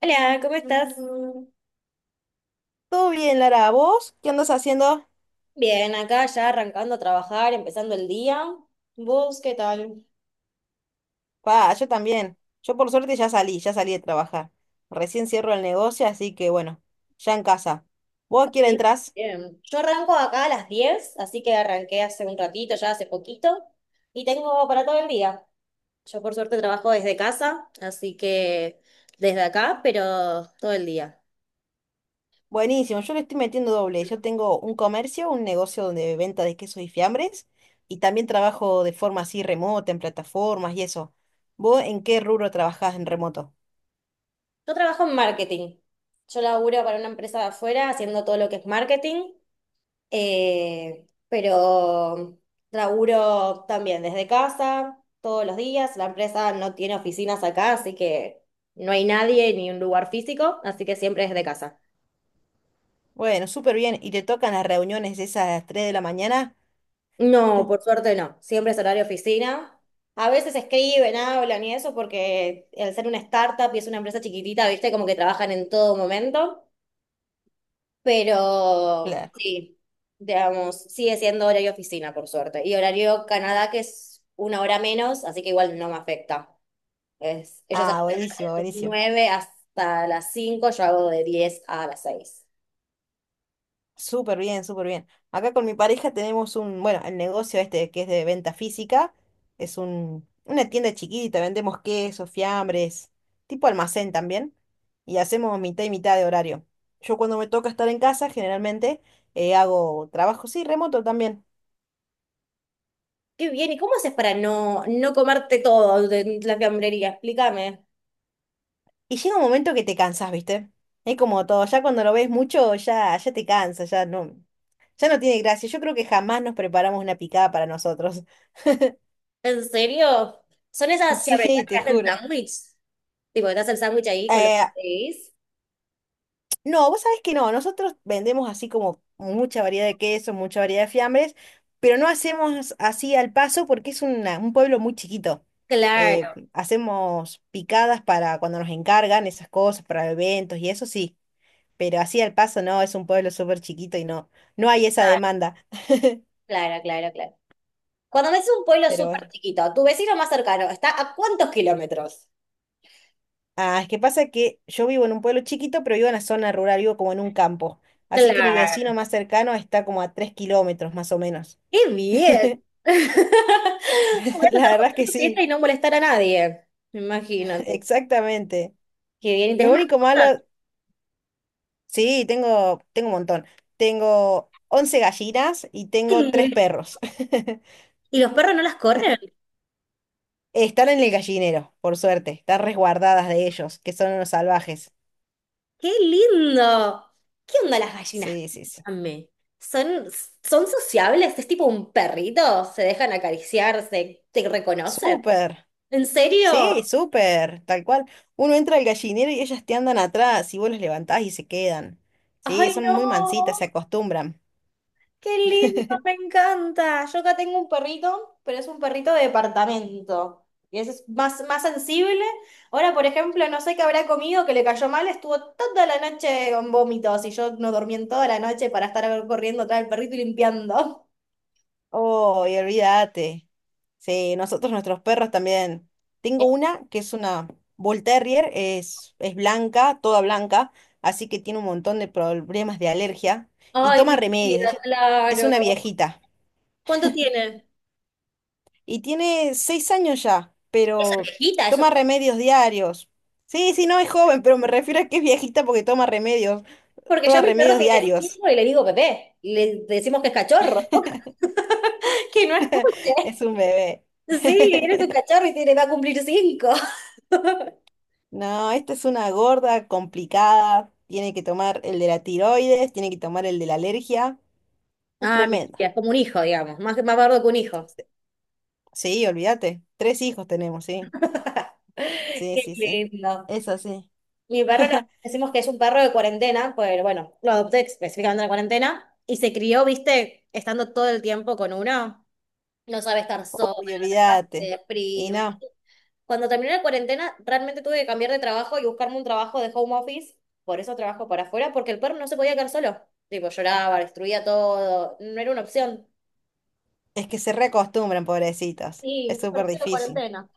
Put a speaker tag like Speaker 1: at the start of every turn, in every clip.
Speaker 1: Hola, ¿cómo estás? Hola.
Speaker 2: Todo bien, Lara. ¿Vos qué andas haciendo?
Speaker 1: Bien, acá ya arrancando a trabajar, empezando el día. ¿Vos qué tal?
Speaker 2: Pa, yo también. Yo por suerte ya salí de trabajar. Recién cierro el negocio, así que bueno, ya en casa. ¿Vos a qué hora
Speaker 1: Sí.
Speaker 2: entrás?
Speaker 1: Bien. Yo arranco acá a las 10, así que arranqué hace un ratito, ya hace poquito, y tengo para todo el día. Yo por suerte trabajo desde casa, así que desde acá, pero todo el día.
Speaker 2: Buenísimo, yo le estoy metiendo doble. Yo tengo un comercio, un negocio de venta de quesos y fiambres, y también trabajo de forma así remota, en plataformas y eso. ¿Vos en qué rubro trabajás en remoto?
Speaker 1: Yo trabajo en marketing. Yo laburo para una empresa de afuera haciendo todo lo que es marketing. Pero laburo también desde casa, todos los días. La empresa no tiene oficinas acá, así que no hay nadie ni un lugar físico, así que siempre desde casa.
Speaker 2: Bueno, súper bien. ¿Y te tocan las reuniones esas a las 3 de la mañana?
Speaker 1: No, por suerte no, siempre es horario oficina. A veces escriben, hablan y eso, porque al ser una startup y es una empresa chiquitita, viste, como que trabajan en todo momento. Pero
Speaker 2: Claro.
Speaker 1: sí, digamos, sigue siendo horario oficina, por suerte. Y horario Canadá, que es una hora menos, así que igual no me afecta. Es, ellos
Speaker 2: Ah,
Speaker 1: arrancan
Speaker 2: buenísimo,
Speaker 1: de
Speaker 2: buenísimo.
Speaker 1: 9 hasta las 5. Yo hago de 10 a las 6.
Speaker 2: Súper bien, súper bien. Acá con mi pareja tenemos bueno, el negocio este que es de venta física, es una tienda chiquita, vendemos quesos, fiambres, tipo almacén también, y hacemos mitad y mitad de horario. Yo cuando me toca estar en casa, generalmente hago trabajo, sí, remoto también.
Speaker 1: Qué bien, ¿y cómo haces para no comerte todo de la fiambrería? Explícame.
Speaker 2: Y llega un momento que te cansas, ¿viste? Es como todo, ya cuando lo ves mucho, ya te cansa, ya no tiene gracia. Yo creo que jamás nos preparamos una picada para nosotros.
Speaker 1: ¿En serio? ¿Son esas fiambrerías
Speaker 2: Sí,
Speaker 1: que
Speaker 2: te
Speaker 1: hacen
Speaker 2: juro.
Speaker 1: sándwich? Tipo, ¿que te hacen el sándwich ahí con los que
Speaker 2: Eh,
Speaker 1: pedís?
Speaker 2: No, vos sabés que no, nosotros vendemos así como mucha variedad de quesos, mucha variedad de fiambres, pero no hacemos así al paso porque es un pueblo muy chiquito. Eh,
Speaker 1: Claro,
Speaker 2: hacemos picadas para cuando nos encargan esas cosas, para eventos y eso sí, pero así al paso no, es un pueblo súper chiquito y no, no hay esa
Speaker 1: claro,
Speaker 2: demanda.
Speaker 1: claro, claro, claro. Cuando me haces un pueblo
Speaker 2: Pero
Speaker 1: súper chiquito, tu vecino más cercano, ¿está a cuántos kilómetros?
Speaker 2: ah, es que pasa que yo vivo en un pueblo chiquito, pero vivo en la zona rural, vivo como en un campo. Así que mi vecino
Speaker 1: Claro.
Speaker 2: más cercano está como a 3 kilómetros más o menos.
Speaker 1: ¡Qué bien! Podés
Speaker 2: La
Speaker 1: hacer
Speaker 2: verdad es que
Speaker 1: cualquier fiesta
Speaker 2: sí.
Speaker 1: y no molestar a nadie. Me imagino.
Speaker 2: Exactamente.
Speaker 1: Qué bien. ¿Y
Speaker 2: Lo
Speaker 1: tenés
Speaker 2: único malo,
Speaker 1: mascotas?
Speaker 2: sí, tengo un montón. Tengo 11 gallinas y tengo tres
Speaker 1: Sí.
Speaker 2: perros.
Speaker 1: ¿Y los perros no las corren?
Speaker 2: Están en el gallinero, por suerte. Están resguardadas de ellos, que son unos salvajes.
Speaker 1: ¡Qué lindo! ¿Qué onda las gallinas?
Speaker 2: Sí, sí, sí.
Speaker 1: Contame. ¿Son, son sociables? ¿Es tipo un perrito? ¿Se dejan acariciar? Te reconocen?
Speaker 2: Súper.
Speaker 1: ¿En serio?
Speaker 2: Sí, súper. Tal cual. Uno entra al gallinero y ellas te andan atrás y vos los levantás y se quedan. Sí,
Speaker 1: ¡Ay,
Speaker 2: son
Speaker 1: no!
Speaker 2: muy mansitas, se acostumbran.
Speaker 1: Qué lindo, me encanta. Yo acá tengo un perrito, pero es un perrito de departamento. Y ese es más sensible. Ahora, por ejemplo, no sé qué habrá comido que le cayó mal, estuvo toda la noche con vómitos y yo no dormí en toda la noche para estar corriendo atrás del perrito y limpiando.
Speaker 2: Oh, y olvídate. Sí, nuestros perros también. Tengo una que es una Bull Terrier, es blanca, toda blanca, así que tiene un montón de problemas de alergia y
Speaker 1: Ay,
Speaker 2: toma
Speaker 1: mi
Speaker 2: remedios.
Speaker 1: vida,
Speaker 2: Ella es
Speaker 1: claro.
Speaker 2: una viejita
Speaker 1: ¿Cuánto tiene?
Speaker 2: y tiene 6 años ya,
Speaker 1: Esa
Speaker 2: pero
Speaker 1: viejita, eso
Speaker 2: toma
Speaker 1: está.
Speaker 2: remedios diarios. Sí, sí, no es joven, pero me refiero a que es viejita porque
Speaker 1: Porque yo
Speaker 2: toma
Speaker 1: a mi perro
Speaker 2: remedios
Speaker 1: tiene
Speaker 2: diarios.
Speaker 1: 5 y le digo bebé. Y le decimos que es cachorro. Que no
Speaker 2: Es
Speaker 1: escuche.
Speaker 2: un bebé.
Speaker 1: Sí, eres un cachorro y tiene, va a cumplir 5.
Speaker 2: No, esta es una gorda complicada. Tiene que tomar el de la tiroides, tiene que tomar el de la alergia. Es
Speaker 1: Ah, mi
Speaker 2: tremenda.
Speaker 1: tía, es como un hijo, digamos, más bardo que un hijo.
Speaker 2: Sí, olvídate. Tres hijos tenemos, sí. Sí,
Speaker 1: Qué
Speaker 2: sí, sí.
Speaker 1: lindo.
Speaker 2: Es sí.
Speaker 1: Mi perro, decimos que es un perro de cuarentena, pues bueno, lo adopté específicamente en la cuarentena y se crió, viste, estando todo el tiempo con uno. No sabe estar solo,
Speaker 2: Uy,
Speaker 1: te
Speaker 2: olvídate. Y
Speaker 1: deprime.
Speaker 2: no,
Speaker 1: Cuando terminé la cuarentena, realmente tuve que cambiar de trabajo y buscarme un trabajo de home office. Por eso trabajo para afuera, porque el perro no se podía quedar solo. Tipo, lloraba, destruía todo. No era una opción.
Speaker 2: es que se reacostumbran, pobrecitos. Es
Speaker 1: Sí,
Speaker 2: súper
Speaker 1: perfecto
Speaker 2: difícil.
Speaker 1: cuarentena.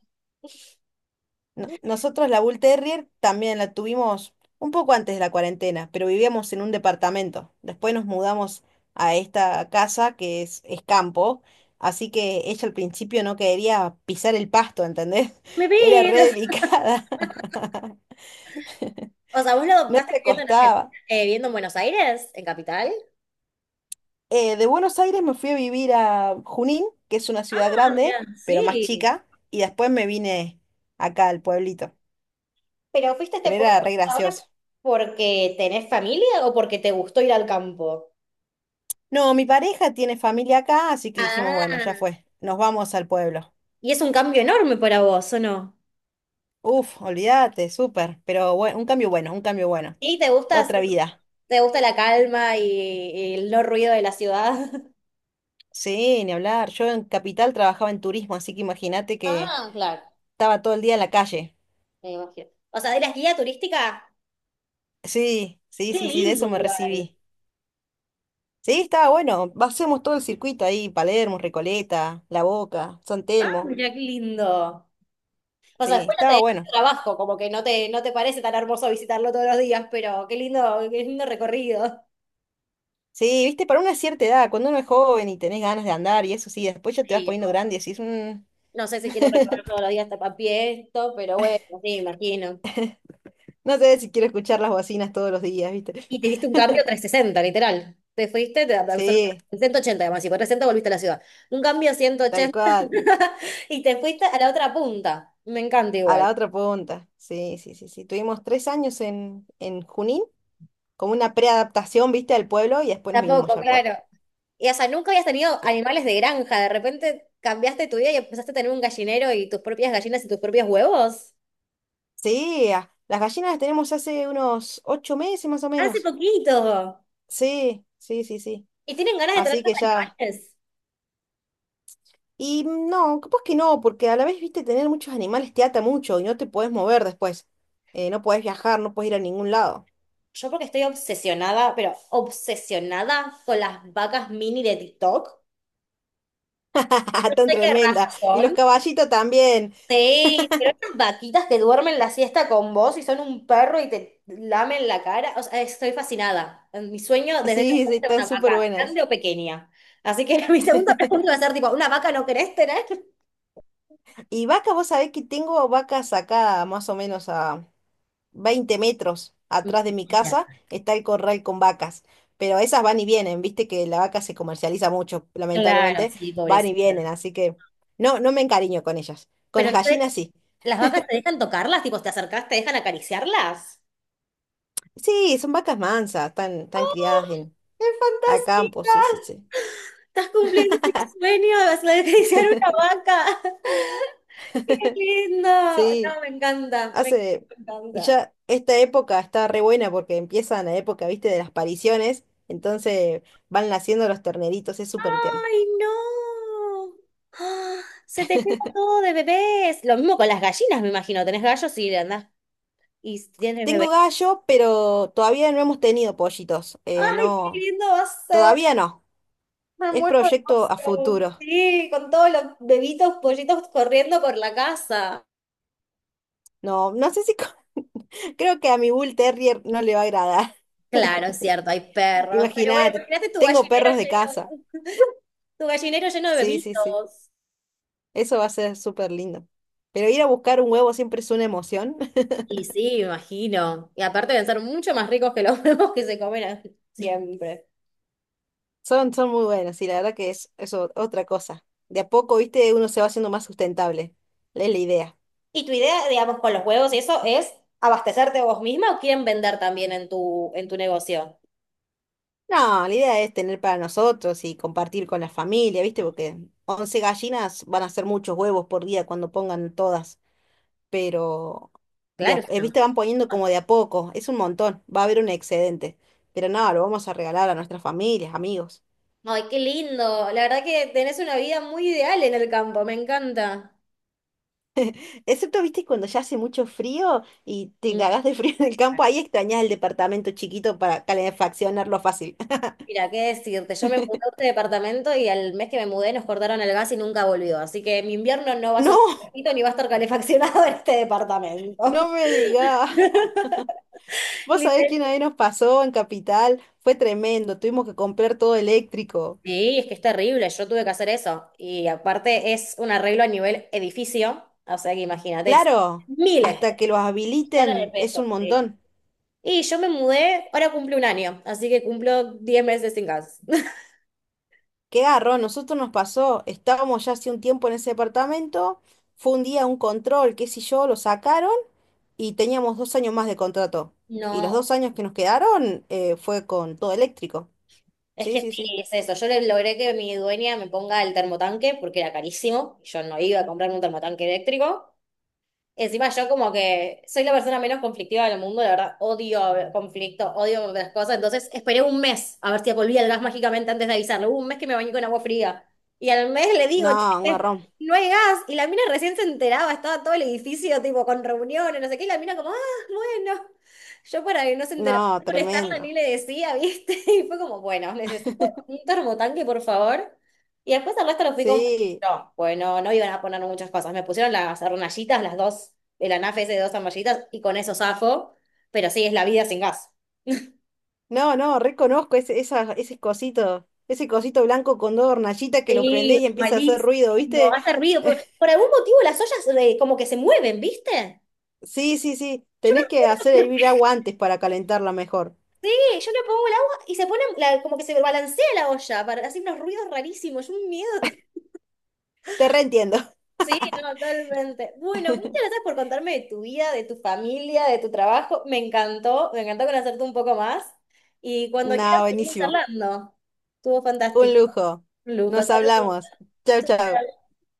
Speaker 2: Nosotros la Bull Terrier también la tuvimos un poco antes de la cuarentena, pero vivíamos en un departamento. Después nos mudamos a esta casa que es campo, así que ella al principio no quería pisar el pasto, ¿entendés?
Speaker 1: Mi
Speaker 2: Era re
Speaker 1: vida.
Speaker 2: delicada,
Speaker 1: O sea, ¿vos lo
Speaker 2: no
Speaker 1: adoptaste
Speaker 2: se
Speaker 1: viviendo en Argentina,
Speaker 2: acostaba.
Speaker 1: viviendo en Buenos Aires, en Capital?
Speaker 2: De Buenos Aires me fui a vivir a Junín, que es una ciudad
Speaker 1: Ah,
Speaker 2: grande,
Speaker 1: mirá,
Speaker 2: pero más
Speaker 1: sí.
Speaker 2: chica, y después me vine acá al pueblito,
Speaker 1: ¿Pero fuiste a este
Speaker 2: pero
Speaker 1: pueblo
Speaker 2: era re
Speaker 1: ahora
Speaker 2: gracioso.
Speaker 1: porque tenés familia o porque te gustó ir al campo?
Speaker 2: No, mi pareja tiene familia acá, así que dijimos, bueno, ya
Speaker 1: Ah.
Speaker 2: fue, nos vamos al pueblo.
Speaker 1: ¿Y es un cambio enorme para vos, o no?
Speaker 2: Uf, olvídate, súper, pero un cambio bueno, un cambio bueno.
Speaker 1: Sí, te gusta,
Speaker 2: Otra vida.
Speaker 1: te gusta la calma y el no ruido de la ciudad.
Speaker 2: Sí, ni hablar. Yo en Capital trabajaba en turismo, así que imagínate que
Speaker 1: Ah, claro.
Speaker 2: estaba todo el día en la calle.
Speaker 1: Me imagino. O sea, de las guías turísticas,
Speaker 2: Sí, sí,
Speaker 1: qué
Speaker 2: sí, sí, de
Speaker 1: lindo
Speaker 2: eso me
Speaker 1: igual.
Speaker 2: recibí. Sí, estaba bueno. Hacemos todo el circuito ahí, Palermo, Recoleta, La Boca, San
Speaker 1: Ah,
Speaker 2: Telmo.
Speaker 1: mira qué lindo. O sea,
Speaker 2: Sí,
Speaker 1: después no te
Speaker 2: estaba
Speaker 1: deja
Speaker 2: bueno.
Speaker 1: trabajo, como que no te parece tan hermoso visitarlo todos los días, pero qué lindo recorrido.
Speaker 2: Sí, viste, para una cierta edad, cuando uno es joven y tenés ganas de andar y eso sí, después ya te vas
Speaker 1: Sí,
Speaker 2: poniendo
Speaker 1: no
Speaker 2: grande y decís,
Speaker 1: no sé si quiero recorrer todos los días hasta Papié esto, pero bueno, sí, imagino.
Speaker 2: No sé si quiero escuchar las bocinas todos los días, ¿viste?
Speaker 1: Y te hiciste un cambio 360 literal. Te fuiste, te
Speaker 2: Sí,
Speaker 1: absolutamente 180 además, y por 360 volviste a la ciudad. Un cambio ciento
Speaker 2: tal
Speaker 1: ochenta
Speaker 2: cual.
Speaker 1: Y te fuiste a la otra punta. Me encanta
Speaker 2: A
Speaker 1: igual.
Speaker 2: la otra punta. Sí, sí, sí, sí. Tuvimos 3 años en Junín, como una preadaptación, ¿viste? Al pueblo y después nos vinimos
Speaker 1: Tampoco,
Speaker 2: ya al pueblo.
Speaker 1: claro. Y o sea, nunca habías tenido
Speaker 2: Sí.
Speaker 1: animales de granja, de repente cambiaste tu vida y empezaste a tener un gallinero y tus propias gallinas y tus propios huevos.
Speaker 2: Sí, las gallinas las tenemos hace unos 8 meses más o
Speaker 1: Hace
Speaker 2: menos.
Speaker 1: poquito.
Speaker 2: Sí, sí, sí, sí.
Speaker 1: ¿Y tienen ganas de tener
Speaker 2: Así
Speaker 1: los
Speaker 2: que ya.
Speaker 1: animales?
Speaker 2: Y no, capaz que no, porque a la vez, ¿viste? Tener muchos animales te ata mucho y no te podés mover después. No podés viajar, no podés ir a ningún lado.
Speaker 1: Yo porque estoy obsesionada, pero obsesionada con las vacas mini de TikTok. No
Speaker 2: Tan
Speaker 1: sé qué raza
Speaker 2: tremenda. Y los
Speaker 1: son.
Speaker 2: caballitos también.
Speaker 1: Sí, pero estas vaquitas que duermen la siesta con vos y son un perro y te lamen la cara. O sea, estoy fascinada. Mi sueño desde que
Speaker 2: Sí, sí,
Speaker 1: era
Speaker 2: están
Speaker 1: una
Speaker 2: súper
Speaker 1: vaca,
Speaker 2: buenas.
Speaker 1: grande o pequeña. Así que mi segunda pregunta va a ser tipo, ¿una vaca no querés tener?
Speaker 2: Y vaca, vos sabés que tengo vacas acá más o menos a 20 metros atrás de mi
Speaker 1: Mentira.
Speaker 2: casa, está el corral con vacas. Pero esas van y vienen, viste que la vaca se comercializa mucho,
Speaker 1: Claro,
Speaker 2: lamentablemente,
Speaker 1: sí,
Speaker 2: van y
Speaker 1: pobrecita.
Speaker 2: vienen, así que no, no me encariño con ellas. Con
Speaker 1: Pero
Speaker 2: las
Speaker 1: no te-
Speaker 2: gallinas sí.
Speaker 1: las vacas te dejan tocarlas, tipo, te acercás, te dejan acariciarlas.
Speaker 2: Sí, son vacas mansas, están
Speaker 1: ¡Oh!
Speaker 2: criadas en,
Speaker 1: ¡Qué
Speaker 2: a campo, sí, sí,
Speaker 1: fantasía!
Speaker 2: sí.
Speaker 1: Estás cumpliendo mi sueño, vas a acariciar una vaca. ¡Qué lindo!
Speaker 2: Sí.
Speaker 1: No, me encanta, me encanta,
Speaker 2: Hace,
Speaker 1: me
Speaker 2: y
Speaker 1: encanta.
Speaker 2: ya esta época está re buena porque empieza la época, viste, de las pariciones, entonces van naciendo los terneritos, es súper tierno.
Speaker 1: ¡Ay, no! ¡Ah! Se te llena todo de bebés. Lo mismo con las gallinas, me imagino. Tenés gallos y andás y tienes
Speaker 2: Tengo
Speaker 1: bebés.
Speaker 2: gallo, pero todavía no hemos tenido pollitos,
Speaker 1: ¡Ay, qué
Speaker 2: no,
Speaker 1: lindo va a ser!
Speaker 2: todavía no,
Speaker 1: Me
Speaker 2: es
Speaker 1: muero de
Speaker 2: proyecto a
Speaker 1: emoción.
Speaker 2: futuro.
Speaker 1: Sí, con todos los bebitos, pollitos corriendo por la casa.
Speaker 2: No, no sé si, creo que a mi Bull Terrier no le va a agradar,
Speaker 1: Claro, es cierto, hay perros. Pero bueno,
Speaker 2: imagínate,
Speaker 1: imagínate tu
Speaker 2: tengo
Speaker 1: gallinero
Speaker 2: perros de
Speaker 1: lleno,
Speaker 2: casa,
Speaker 1: tu gallinero lleno de
Speaker 2: sí, sí, sí,
Speaker 1: bebitos.
Speaker 2: eso va a ser súper lindo. Pero ir a buscar un huevo siempre es una emoción.
Speaker 1: Y sí, me imagino. Y aparte deben ser mucho más ricos que los huevos que se comen siempre.
Speaker 2: Son muy buenos y la verdad que es, es otra cosa. De a poco, viste, uno se va haciendo más sustentable. Es la idea.
Speaker 1: ¿Y tu idea, digamos, con los huevos y eso es abastecerte vos misma o quieren vender también en tu negocio?
Speaker 2: No, la idea es tener para nosotros y compartir con la familia, viste, porque 11 gallinas van a ser muchos huevos por día cuando pongan todas, pero,
Speaker 1: Claro, es una.
Speaker 2: viste, van poniendo como de a poco, es un montón, va a haber un excedente, pero no, lo vamos a regalar a nuestras familias, amigos.
Speaker 1: Ay, qué lindo. La verdad que tenés una vida muy ideal en el campo, me encanta.
Speaker 2: Excepto, viste, cuando ya hace mucho frío y te cagás de frío en el campo, ahí extrañás el departamento chiquito para calefaccionarlo fácil.
Speaker 1: Mira, qué decirte, yo me mudé a este departamento y al mes que me mudé nos cortaron el gas y nunca volvió. Así que mi invierno no va a ser
Speaker 2: No,
Speaker 1: perfecto ni va a estar calefaccionado en este
Speaker 2: no
Speaker 1: departamento.
Speaker 2: me digas. Vos sabés
Speaker 1: Literal.
Speaker 2: quién ahí nos pasó en Capital. Fue tremendo. Tuvimos que comprar todo eléctrico.
Speaker 1: Sí, es que es terrible, yo tuve que hacer eso. Y aparte es un arreglo a nivel edificio, o sea que imagínate, es
Speaker 2: Claro,
Speaker 1: miles de
Speaker 2: hasta que los
Speaker 1: millones de
Speaker 2: habiliten es
Speaker 1: pesos.
Speaker 2: un
Speaker 1: Sí.
Speaker 2: montón.
Speaker 1: Y yo me mudé, ahora cumple un año, así que cumplo 10 meses sin gas.
Speaker 2: Qué garrón, nosotros nos pasó. Estábamos ya hace un tiempo en ese departamento. Fue un día un control, qué sé yo, lo sacaron y teníamos 2 años más de contrato. Y los
Speaker 1: No.
Speaker 2: 2 años que nos quedaron fue con todo eléctrico.
Speaker 1: Es
Speaker 2: Sí,
Speaker 1: que
Speaker 2: sí,
Speaker 1: sí,
Speaker 2: sí.
Speaker 1: es eso. Yo logré que mi dueña me ponga el termotanque porque era carísimo. Yo no iba a comprarme un termotanque eléctrico. Encima yo como que soy la persona menos conflictiva del mundo, la verdad, odio conflicto, odio las cosas, entonces esperé un mes a ver si volvía el gas mágicamente antes de avisarle. Hubo un mes que me bañé con agua fría y al mes le digo,
Speaker 2: No, un
Speaker 1: che,
Speaker 2: garrón.
Speaker 1: no hay gas y la mina recién se enteraba, estaba todo el edificio tipo con reuniones, no sé qué, y la mina como, ah, bueno, yo para que no se enterara,
Speaker 2: No,
Speaker 1: no molestarla
Speaker 2: tremendo.
Speaker 1: ni le decía, ¿viste? Y fue como, bueno, necesito un termotanque, por favor. Y después al resto lo fui no,
Speaker 2: Sí.
Speaker 1: bueno, no iban a poner muchas cosas. Me pusieron las hornallitas, las dos, el anafe ese de dos arnallitas, y con eso zafo. Pero sí, es la vida sin gas.
Speaker 2: No, no, reconozco ese cosito blanco con dos hornallitas que lo prendés
Speaker 1: Sí,
Speaker 2: y empieza a hacer ruido,
Speaker 1: malísimo,
Speaker 2: ¿viste?
Speaker 1: hace ruido. Por, Por algún motivo las ollas como que se mueven, ¿viste?
Speaker 2: Sí, sí, sí,
Speaker 1: Yo no
Speaker 2: tenés que
Speaker 1: sé
Speaker 2: hacer
Speaker 1: por
Speaker 2: hervir agua antes para calentarla mejor.
Speaker 1: qué. Yo le pongo el agua y se pone como que se balancea la olla para hacer unos ruidos rarísimos. Es un miedo.
Speaker 2: Te reentiendo.
Speaker 1: Sí, no, totalmente. Bueno, muchas gracias por contarme de tu vida, de tu familia, de tu trabajo. Me encantó. Me encantó conocerte un poco más. Y cuando
Speaker 2: No,
Speaker 1: quieras seguir
Speaker 2: buenísimo.
Speaker 1: charlando, estuvo
Speaker 2: Un
Speaker 1: fantástico.
Speaker 2: lujo.
Speaker 1: Lujo,
Speaker 2: Nos
Speaker 1: saludos.
Speaker 2: hablamos. Chau,
Speaker 1: Chao,
Speaker 2: chau.
Speaker 1: chao.